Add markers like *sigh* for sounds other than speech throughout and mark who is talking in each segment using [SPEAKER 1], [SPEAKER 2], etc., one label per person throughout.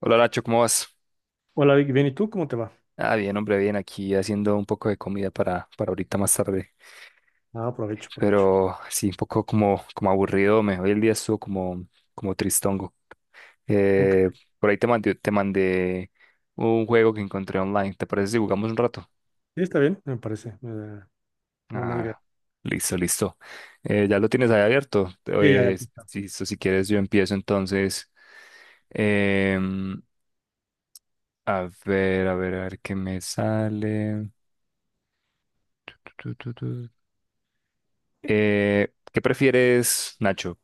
[SPEAKER 1] Hola Nacho, ¿cómo vas?
[SPEAKER 2] Hola Vicky, bien, ¿y tú cómo te va?
[SPEAKER 1] Ah, bien, hombre, bien, aquí haciendo un poco de comida para ahorita más tarde.
[SPEAKER 2] Ah, aprovecho, aprovecho.
[SPEAKER 1] Pero sí, un poco como aburrido, me hoy el día estuvo como tristongo. Eh,
[SPEAKER 2] Ok,
[SPEAKER 1] por ahí te mandé un juego que encontré online. ¿Te parece si jugamos un rato?
[SPEAKER 2] sí, está bien, me parece, me da idea.
[SPEAKER 1] Ah, listo, listo. Ya lo tienes ahí abierto.
[SPEAKER 2] Sí, ya, ya,
[SPEAKER 1] Eh,
[SPEAKER 2] aquí está.
[SPEAKER 1] si, si quieres, yo empiezo entonces. Em, a ver, a ver, a ver qué me sale. ¿Qué prefieres, Nacho?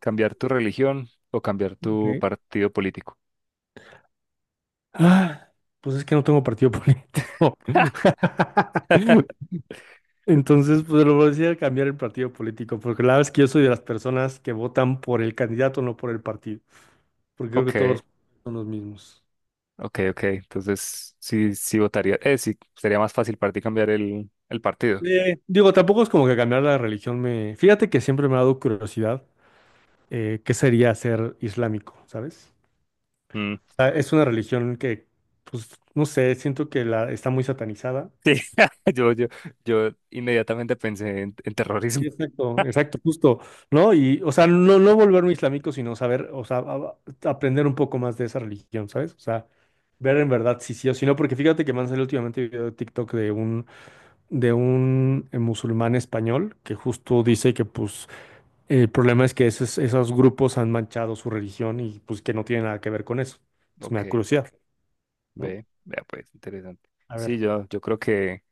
[SPEAKER 1] ¿Cambiar tu religión o cambiar tu
[SPEAKER 2] Ok.
[SPEAKER 1] partido político?
[SPEAKER 2] Ah, pues es que no tengo partido político.
[SPEAKER 1] *laughs*
[SPEAKER 2] *laughs* Entonces, pues lo voy a decir a cambiar el partido político, porque la verdad es que yo soy de las personas que votan por el candidato, no por el partido, porque creo que
[SPEAKER 1] Ok,
[SPEAKER 2] todos son los mismos.
[SPEAKER 1] ok, ok. Entonces, sí, sí votaría. Sí, sería más fácil para ti cambiar el partido.
[SPEAKER 2] Digo, tampoco es como que cambiar la religión me... Fíjate que siempre me ha dado curiosidad. ¿Qué sería ser islámico? ¿Sabes?
[SPEAKER 1] Mm,
[SPEAKER 2] Sea, es una religión que, pues, no sé, siento que la está muy satanizada.
[SPEAKER 1] sí, *laughs* yo, yo, yo inmediatamente pensé en terrorismo.
[SPEAKER 2] Sí,
[SPEAKER 1] *laughs*
[SPEAKER 2] exacto, exacto, justo, ¿no? Y, o sea, no, no volverme islámico, sino saber, o sea, aprender un poco más de esa religión, ¿sabes? O sea, ver en verdad si sí o si no, porque fíjate que me han salido últimamente video de TikTok de un, de un musulmán español que justo dice que, pues, el problema es que esos grupos han manchado su religión y, pues, que no tiene nada que ver con eso. Entonces me
[SPEAKER 1] Ok,
[SPEAKER 2] da curiosidad, ¿no?
[SPEAKER 1] vea pues, interesante.
[SPEAKER 2] A
[SPEAKER 1] Sí,
[SPEAKER 2] ver.
[SPEAKER 1] yo, yo creo que,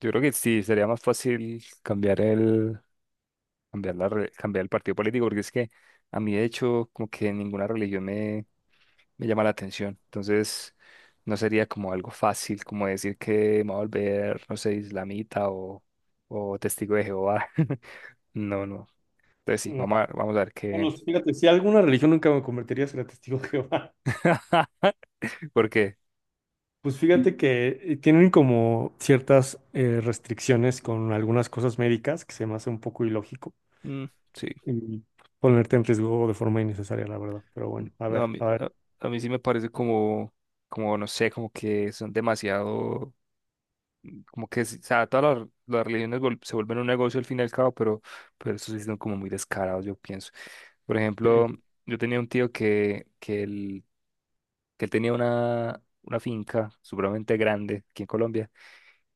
[SPEAKER 1] yo creo que sí, sería más fácil cambiar el, cambiar la re- cambiar el partido político, porque es que a mí de hecho como que ninguna religión me llama la atención. Entonces, no sería como algo fácil como decir que me voy a volver, no sé, islamita o testigo de Jehová. *laughs* No, no. Entonces sí, vamos a ver
[SPEAKER 2] Bueno,
[SPEAKER 1] qué.
[SPEAKER 2] fíjate, si alguna religión nunca me convertiría a ser testigo *laughs* de Jehová,
[SPEAKER 1] *laughs* Porque,
[SPEAKER 2] pues fíjate que tienen como ciertas restricciones con algunas cosas médicas que se me hace un poco ilógico
[SPEAKER 1] mm, sí,
[SPEAKER 2] y ponerte en riesgo de forma innecesaria, la verdad. Pero bueno, a
[SPEAKER 1] no, a
[SPEAKER 2] ver,
[SPEAKER 1] mí,
[SPEAKER 2] a ver.
[SPEAKER 1] a, a mí sí me parece como, no sé, como que son demasiado. Como que, sí, o sea, todas las religiones se vuelven un negocio al fin y al cabo, pero eso sí son como muy descarados, yo pienso. Por
[SPEAKER 2] Sí,
[SPEAKER 1] ejemplo,
[SPEAKER 2] sí,
[SPEAKER 1] yo tenía un tío que él tenía una finca supremamente grande aquí en Colombia,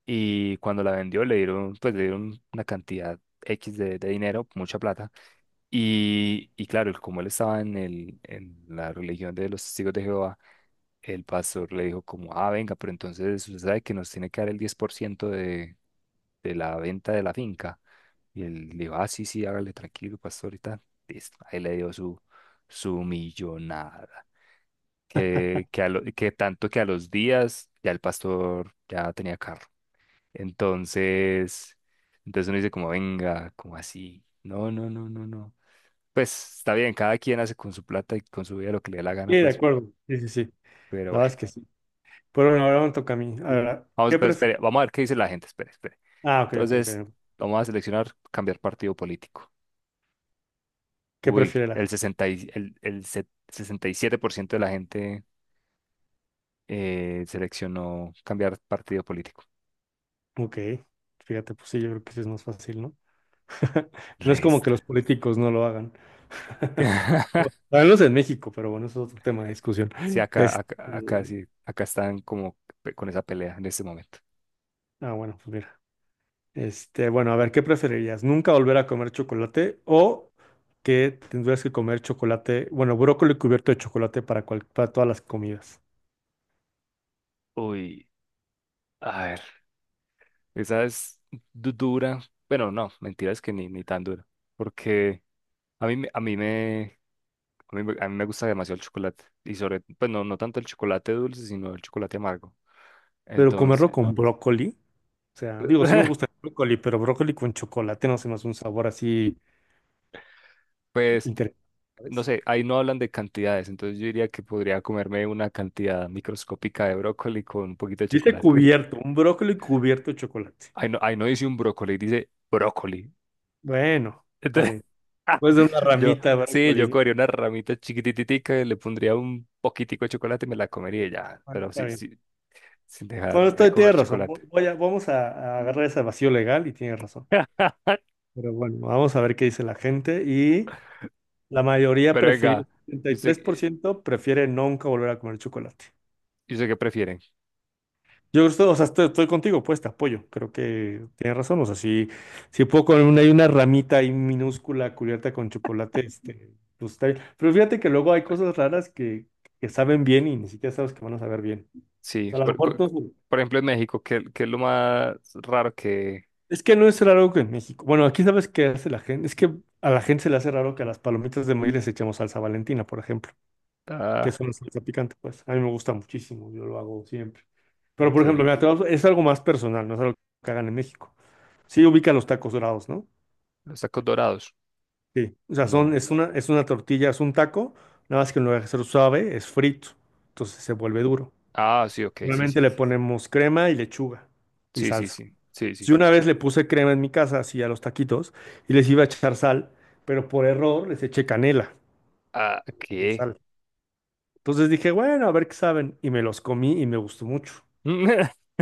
[SPEAKER 1] y cuando la vendió le dieron, pues, le dieron una cantidad X de dinero, mucha plata. Y claro, como él estaba en la religión de los testigos de Jehová, el pastor le dijo como, ah, venga, pero entonces usted sabe que nos tiene que dar el 10% de la venta de la finca. Y él le dijo, ah, sí, sí, hágale tranquilo, pastor, ahorita. Listo. Ahí le dio su millonada. Que tanto que a los días ya el pastor ya tenía carro. Entonces, entonces, uno dice como, venga, como así. No, no, no, no, no. Pues está bien, cada quien hace con su plata y con su vida lo que le dé la
[SPEAKER 2] sí,
[SPEAKER 1] gana,
[SPEAKER 2] de
[SPEAKER 1] pues,
[SPEAKER 2] acuerdo. Sí, sí, sí.
[SPEAKER 1] pero
[SPEAKER 2] La verdad
[SPEAKER 1] bueno.
[SPEAKER 2] es que sí. Pero bueno, ahora me toca a mí. A ver,
[SPEAKER 1] Vamos,
[SPEAKER 2] ¿qué?
[SPEAKER 1] pero espere, vamos a ver qué dice la gente, espere, espere.
[SPEAKER 2] Ah, ok, ok,
[SPEAKER 1] Entonces,
[SPEAKER 2] ok.
[SPEAKER 1] vamos a seleccionar cambiar partido político.
[SPEAKER 2] ¿Qué
[SPEAKER 1] Uy,
[SPEAKER 2] prefiere la
[SPEAKER 1] el
[SPEAKER 2] gente?
[SPEAKER 1] 60 y- el se- 67% de la gente seleccionó cambiar partido político.
[SPEAKER 2] Ok, fíjate, pues sí, yo creo que sí es más fácil, ¿no? *laughs* No es como que
[SPEAKER 1] Resto.
[SPEAKER 2] los políticos no lo hagan. *laughs*
[SPEAKER 1] *laughs*
[SPEAKER 2] Háganlos en México, pero bueno, eso es otro tema de discusión.
[SPEAKER 1] Sí, acá,
[SPEAKER 2] Este,
[SPEAKER 1] acá, acá sí, acá están como con esa pelea en este momento.
[SPEAKER 2] ah, bueno, pues mira. Este, bueno, a ver, ¿qué preferirías? ¿Nunca volver a comer chocolate o que tendrías que comer chocolate, bueno, brócoli cubierto de chocolate para, para todas las comidas?
[SPEAKER 1] Uy, a ver, esa es dura. Bueno, no, mentira, es que ni tan dura. Porque a mí, me- a mí me, a mí, me gusta demasiado el chocolate. Y sobre, pues no, no tanto el chocolate dulce, sino el chocolate amargo.
[SPEAKER 2] Pero
[SPEAKER 1] Entonces,
[SPEAKER 2] comerlo con brócoli, o sea, digo, sí me
[SPEAKER 1] *laughs*
[SPEAKER 2] gusta el brócoli, pero brócoli con chocolate no se me hace un sabor así
[SPEAKER 1] pues
[SPEAKER 2] interesante,
[SPEAKER 1] no
[SPEAKER 2] ¿sabes?
[SPEAKER 1] sé, ahí no hablan de cantidades, entonces yo diría que podría comerme una cantidad microscópica de brócoli con un poquito de
[SPEAKER 2] Dice
[SPEAKER 1] chocolate. *laughs*
[SPEAKER 2] cubierto, un brócoli cubierto de chocolate.
[SPEAKER 1] Ahí no dice un brócoli, dice brócoli.
[SPEAKER 2] Bueno, está
[SPEAKER 1] Entonces,
[SPEAKER 2] bien. Pues de una
[SPEAKER 1] *laughs* yo,
[SPEAKER 2] ramita de
[SPEAKER 1] sí,
[SPEAKER 2] brócoli,
[SPEAKER 1] yo
[SPEAKER 2] ¿no?
[SPEAKER 1] cogería una ramita chiquititica, le pondría un poquitico de chocolate y me la comería y ya,
[SPEAKER 2] Bueno,
[SPEAKER 1] pero
[SPEAKER 2] está
[SPEAKER 1] sí,
[SPEAKER 2] bien.
[SPEAKER 1] sí, sin
[SPEAKER 2] Bueno,
[SPEAKER 1] dejar de
[SPEAKER 2] estoy, tienes
[SPEAKER 1] comer
[SPEAKER 2] razón.
[SPEAKER 1] chocolate.
[SPEAKER 2] Voy a, vamos a agarrar ese vacío legal y tienes razón.
[SPEAKER 1] *laughs*
[SPEAKER 2] Pero bueno, vamos a ver qué dice la gente. Y la mayoría
[SPEAKER 1] Pero
[SPEAKER 2] prefirió,
[SPEAKER 1] venga,
[SPEAKER 2] setenta
[SPEAKER 1] ¿y
[SPEAKER 2] y
[SPEAKER 1] usted,
[SPEAKER 2] tres por
[SPEAKER 1] y
[SPEAKER 2] ciento prefiere nunca volver a comer chocolate.
[SPEAKER 1] usted qué prefieren?
[SPEAKER 2] Yo estoy, o sea, estoy contigo, pues te apoyo. Creo que tienes razón. O sea, si puedo comer una, hay una ramita ahí minúscula cubierta con chocolate, este, pues está bien. Pero fíjate que luego hay cosas raras que saben bien y ni siquiera sabes que van a saber bien. O
[SPEAKER 1] Sí,
[SPEAKER 2] sea, a lo
[SPEAKER 1] por,
[SPEAKER 2] mejor
[SPEAKER 1] cu-
[SPEAKER 2] no.
[SPEAKER 1] por ejemplo en México, ¿qué es lo más raro que...
[SPEAKER 2] Es que no es raro que en México. Bueno, aquí sabes qué hace la gente. Es que a la gente se le hace raro que a las palomitas de maíz les echemos salsa Valentina, por ejemplo, que
[SPEAKER 1] Ah,
[SPEAKER 2] es una salsa picante, pues. A mí me gusta muchísimo, yo lo hago siempre. Pero, por ejemplo,
[SPEAKER 1] ok,
[SPEAKER 2] mira, es algo más personal, no es algo que hagan en México. Sí ubican los tacos dorados, ¿no?
[SPEAKER 1] los tacos dorados.
[SPEAKER 2] Sí. O sea, son,
[SPEAKER 1] No.
[SPEAKER 2] es una tortilla, es un taco, nada más que en lugar de ser suave, es frito. Entonces se vuelve duro.
[SPEAKER 1] Ah, sí, ok, sí,
[SPEAKER 2] Normalmente
[SPEAKER 1] sí.
[SPEAKER 2] le ponemos crema y lechuga y
[SPEAKER 1] Sí, sí,
[SPEAKER 2] salsa.
[SPEAKER 1] sí. Sí, sí.
[SPEAKER 2] Yo una vez le puse crema en mi casa, así a los taquitos, y les iba a echar sal, pero por error les eché canela
[SPEAKER 1] Ah,
[SPEAKER 2] de
[SPEAKER 1] ¿qué?
[SPEAKER 2] sal. Entonces dije, bueno, a ver qué saben, y me los comí y me gustó mucho.
[SPEAKER 1] *laughs*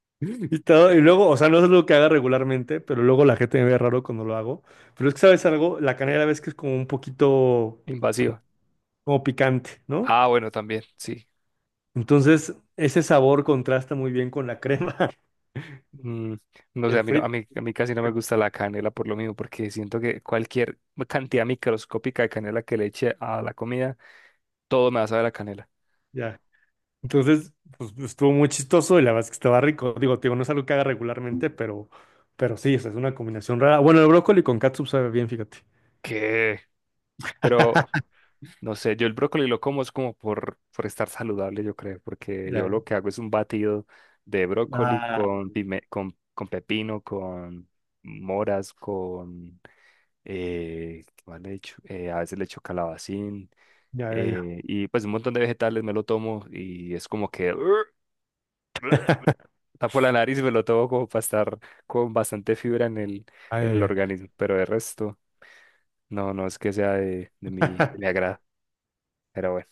[SPEAKER 2] *laughs* Y todo, y luego, o sea, no es algo que haga regularmente, pero luego la gente me ve raro cuando lo hago. Pero es que, ¿sabes algo? La canela ves que es como un poquito, o sea,
[SPEAKER 1] Invasiva.
[SPEAKER 2] como picante, ¿no?
[SPEAKER 1] Ah, bueno, también, sí.
[SPEAKER 2] Entonces, ese sabor contrasta muy bien con la crema *laughs*
[SPEAKER 1] Mm, no
[SPEAKER 2] y
[SPEAKER 1] sé,
[SPEAKER 2] el
[SPEAKER 1] a mí, no- a
[SPEAKER 2] frito.
[SPEAKER 1] mí, a mí casi no me gusta la canela por lo mismo, porque siento que cualquier cantidad microscópica de canela que le eche a la comida, todo me va a saber a canela.
[SPEAKER 2] Ya. Entonces, pues estuvo muy chistoso y la verdad es que estaba rico. Digo, no es algo que haga regularmente, pero sí, o sea, es una combinación rara. Bueno, el brócoli con catsup sabe bien, fíjate.
[SPEAKER 1] ¿Qué? Pero,
[SPEAKER 2] *laughs*
[SPEAKER 1] no sé, yo el brócoli lo como es como por estar saludable, yo creo, porque yo
[SPEAKER 2] Ya.
[SPEAKER 1] lo que hago es un batido de brócoli
[SPEAKER 2] Ah,
[SPEAKER 1] con pepino, con moras, con ¿qué más le echo? A veces le echo calabacín,
[SPEAKER 2] ya, ya, ya.
[SPEAKER 1] y pues un montón de vegetales me lo tomo y es como que *laughs* tapo la nariz y me lo tomo como para estar con bastante fibra en el,
[SPEAKER 2] Ay,
[SPEAKER 1] en
[SPEAKER 2] ay,
[SPEAKER 1] el
[SPEAKER 2] ay.
[SPEAKER 1] organismo, pero de resto no, no es que sea de mi
[SPEAKER 2] *laughs*
[SPEAKER 1] agrado, pero bueno,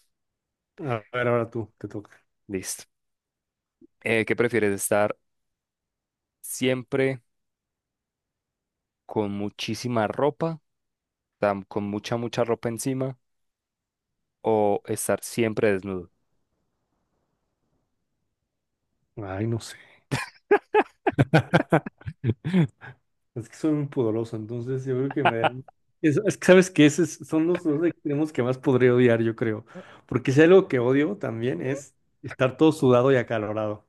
[SPEAKER 2] A ver, ahora tú, te toca.
[SPEAKER 1] listo. ¿Qué prefieres? ¿Estar siempre con muchísima ropa, con mucha, mucha ropa encima o estar siempre desnudo?
[SPEAKER 2] Ay, no sé. *laughs* Es que soy muy pudoroso, entonces yo creo que me darán... Es que sabes que esos son los dos extremos que más podría odiar, yo creo. Porque si hay algo que odio también es estar todo sudado y acalorado.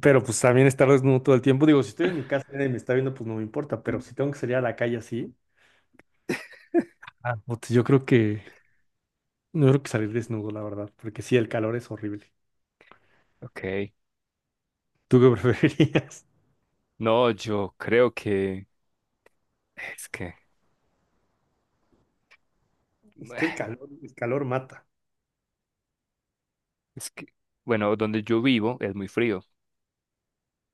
[SPEAKER 2] Pero pues también estar desnudo todo el tiempo. Digo, si estoy en mi casa y nadie me está viendo, pues no me importa. Pero si tengo que salir a la calle así, ah, puta, yo creo que no creo que salir desnudo, la verdad. Porque sí, el calor es horrible.
[SPEAKER 1] Ok.
[SPEAKER 2] ¿Tú qué preferirías? *laughs*
[SPEAKER 1] No, yo creo que es que,
[SPEAKER 2] Es
[SPEAKER 1] bueno,
[SPEAKER 2] que el calor mata.
[SPEAKER 1] es que, bueno, donde yo vivo es muy frío.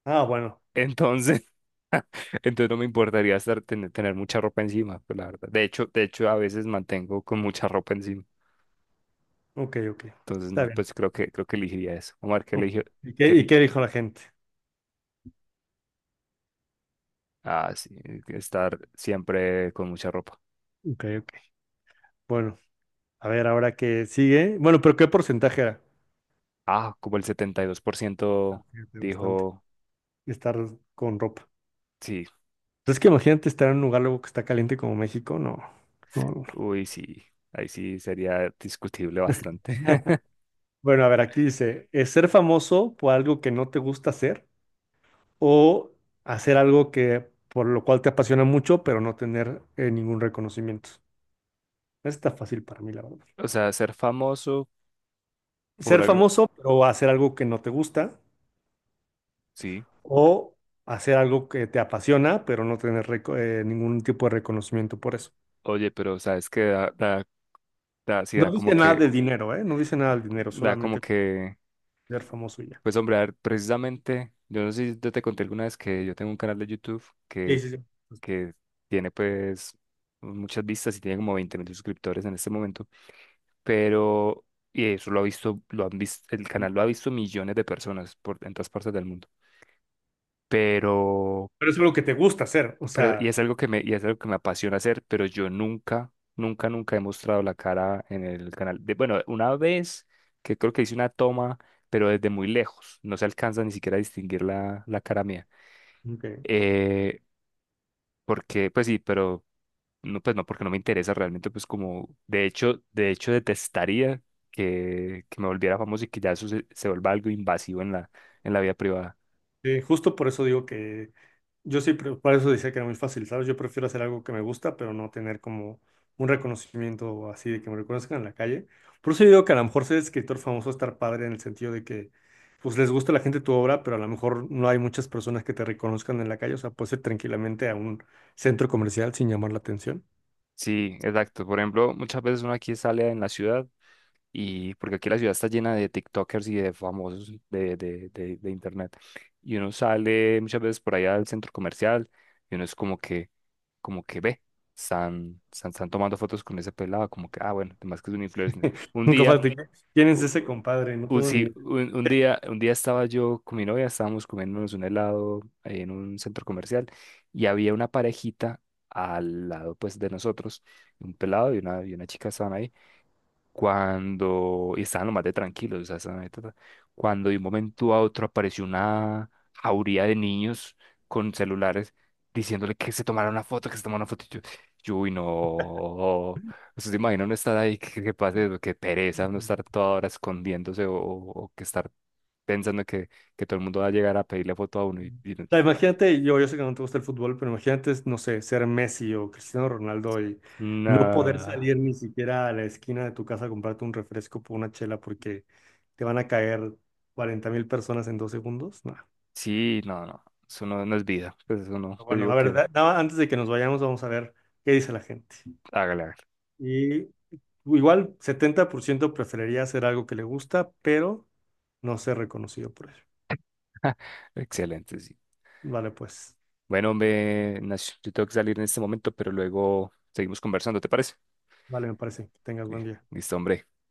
[SPEAKER 2] Ah, bueno.
[SPEAKER 1] Entonces, *laughs* entonces no me importaría estar, tener mucha ropa encima, pues la verdad. De hecho, a veces mantengo con mucha ropa encima.
[SPEAKER 2] Ok, ok.
[SPEAKER 1] Entonces,
[SPEAKER 2] Está
[SPEAKER 1] no,
[SPEAKER 2] bien.
[SPEAKER 1] pues creo que elegiría eso. Omar, ¿qué
[SPEAKER 2] Ok.
[SPEAKER 1] eligió?
[SPEAKER 2] ¿Y
[SPEAKER 1] ¿Qué
[SPEAKER 2] qué, y
[SPEAKER 1] eli-
[SPEAKER 2] qué dijo la gente?
[SPEAKER 1] Ah, sí, estar siempre con mucha ropa.
[SPEAKER 2] Ok, ok. Bueno, a ver, ahora que sigue. Bueno, pero ¿qué porcentaje era?
[SPEAKER 1] Ah, como el 72%
[SPEAKER 2] Fíjate, bastante.
[SPEAKER 1] dijo,
[SPEAKER 2] Estar con ropa.
[SPEAKER 1] sí,
[SPEAKER 2] Entonces, que imagínate estar en un lugar luego que está caliente como México. No, no, no.
[SPEAKER 1] uy, sí, ahí sí sería discutible bastante.
[SPEAKER 2] No.
[SPEAKER 1] *laughs*
[SPEAKER 2] Bueno, a ver, aquí dice, ¿es ser famoso por algo que no te gusta hacer o hacer algo que por lo cual te apasiona mucho, pero no tener ningún reconocimiento? Está fácil para mí, la verdad.
[SPEAKER 1] O sea, ser famoso por
[SPEAKER 2] Ser
[SPEAKER 1] algo,
[SPEAKER 2] famoso, pero hacer algo que no te gusta
[SPEAKER 1] sí.
[SPEAKER 2] o hacer algo que te apasiona, pero no tener ningún tipo de reconocimiento por eso.
[SPEAKER 1] Oye, pero sabes que da, sí, da
[SPEAKER 2] No
[SPEAKER 1] como
[SPEAKER 2] dice nada de
[SPEAKER 1] que,
[SPEAKER 2] dinero, ¿eh? No dice nada del dinero,
[SPEAKER 1] da como
[SPEAKER 2] solamente
[SPEAKER 1] que,
[SPEAKER 2] ser famoso y ya.
[SPEAKER 1] pues hombre, a ver, precisamente, yo no sé si yo te conté alguna vez que yo tengo un canal de YouTube
[SPEAKER 2] Sí,
[SPEAKER 1] que,
[SPEAKER 2] sí, sí.
[SPEAKER 1] que tiene pues muchas vistas y tiene como 20 mil suscriptores en este momento, pero, y eso lo ha visto, lo han visto, el canal lo ha visto millones de personas por en todas partes del mundo, pero
[SPEAKER 2] Pero es algo que te gusta hacer, o sea,
[SPEAKER 1] y es algo que me apasiona hacer, pero yo nunca, nunca, nunca he mostrado la cara en el canal. Bueno, una vez que creo que hice una toma, pero desde muy lejos, no se alcanza ni siquiera a distinguir la cara mía.
[SPEAKER 2] ok.
[SPEAKER 1] Eh, Porque, pues sí, pero no, pues no, porque no me interesa realmente, pues como, de hecho detestaría que me volviera famoso y que ya eso se vuelva algo invasivo en la vida privada.
[SPEAKER 2] Sí, justo por eso digo que yo sí, por eso decía que era muy fácil, ¿sabes? Yo prefiero hacer algo que me gusta, pero no tener como un reconocimiento así de que me reconozcan en la calle. Por eso yo digo que a lo mejor ser escritor famoso estar padre en el sentido de que pues les gusta a la gente tu obra, pero a lo mejor no hay muchas personas que te reconozcan en la calle, o sea, puedes ir tranquilamente a un centro comercial sin llamar la atención.
[SPEAKER 1] Sí, exacto. Por ejemplo, muchas veces uno aquí sale en la ciudad, y porque aquí la ciudad está llena de TikTokers y de famosos de internet. Y uno sale muchas veces por allá al centro comercial, y uno es como que ve, están tomando fotos con ese pelado, como que, ah, bueno, además que es un influencer.
[SPEAKER 2] *laughs*
[SPEAKER 1] Un
[SPEAKER 2] Nunca
[SPEAKER 1] día,
[SPEAKER 2] falta, que, ¿quién es ese
[SPEAKER 1] u-
[SPEAKER 2] compadre? No tengo ni
[SPEAKER 1] sí,
[SPEAKER 2] idea.
[SPEAKER 1] un día estaba yo con mi novia, estábamos comiéndonos un helado en un centro comercial, y había una parejita al lado, pues, de nosotros, un pelado y una chica estaban ahí cuando y estaban lo más de tranquilos, o sea, estaban ahí, ta, ta, cuando de un momento a otro apareció una jauría de niños con celulares diciéndole que se tomara una foto, que se tomara una foto. Y yo, uy, no. ¿Ustedes se imaginan no estar ahí? ¿Qué pasa? Qué pereza no estar toda hora escondiéndose o que estar pensando que todo el mundo va a llegar a pedirle foto a uno y no.
[SPEAKER 2] O
[SPEAKER 1] Ta,
[SPEAKER 2] sea,
[SPEAKER 1] ta.
[SPEAKER 2] imagínate, yo sé que no te gusta el fútbol, pero imagínate, no sé, ser Messi o Cristiano Ronaldo y no poder
[SPEAKER 1] No.
[SPEAKER 2] salir ni siquiera a la esquina de tu casa a comprarte un refresco por una chela porque te van a caer 40.000 personas en 2 segundos. No.
[SPEAKER 1] Sí, no, no. Eso no, no es vida. Pues eso no.
[SPEAKER 2] Pero
[SPEAKER 1] Te
[SPEAKER 2] bueno,
[SPEAKER 1] digo
[SPEAKER 2] a ver,
[SPEAKER 1] que
[SPEAKER 2] antes de que nos vayamos, vamos a ver qué dice la gente.
[SPEAKER 1] hágale, hágale.
[SPEAKER 2] Y igual, 70% preferiría hacer algo que le gusta, pero no ser reconocido por ello.
[SPEAKER 1] *laughs* Excelente, sí.
[SPEAKER 2] Vale, pues,
[SPEAKER 1] Bueno, hombre, Nash, yo tengo que salir en este momento, pero luego seguimos conversando, ¿te parece?
[SPEAKER 2] vale, me parece. Que tengas buen
[SPEAKER 1] Bien,
[SPEAKER 2] día.
[SPEAKER 1] listo, hombre.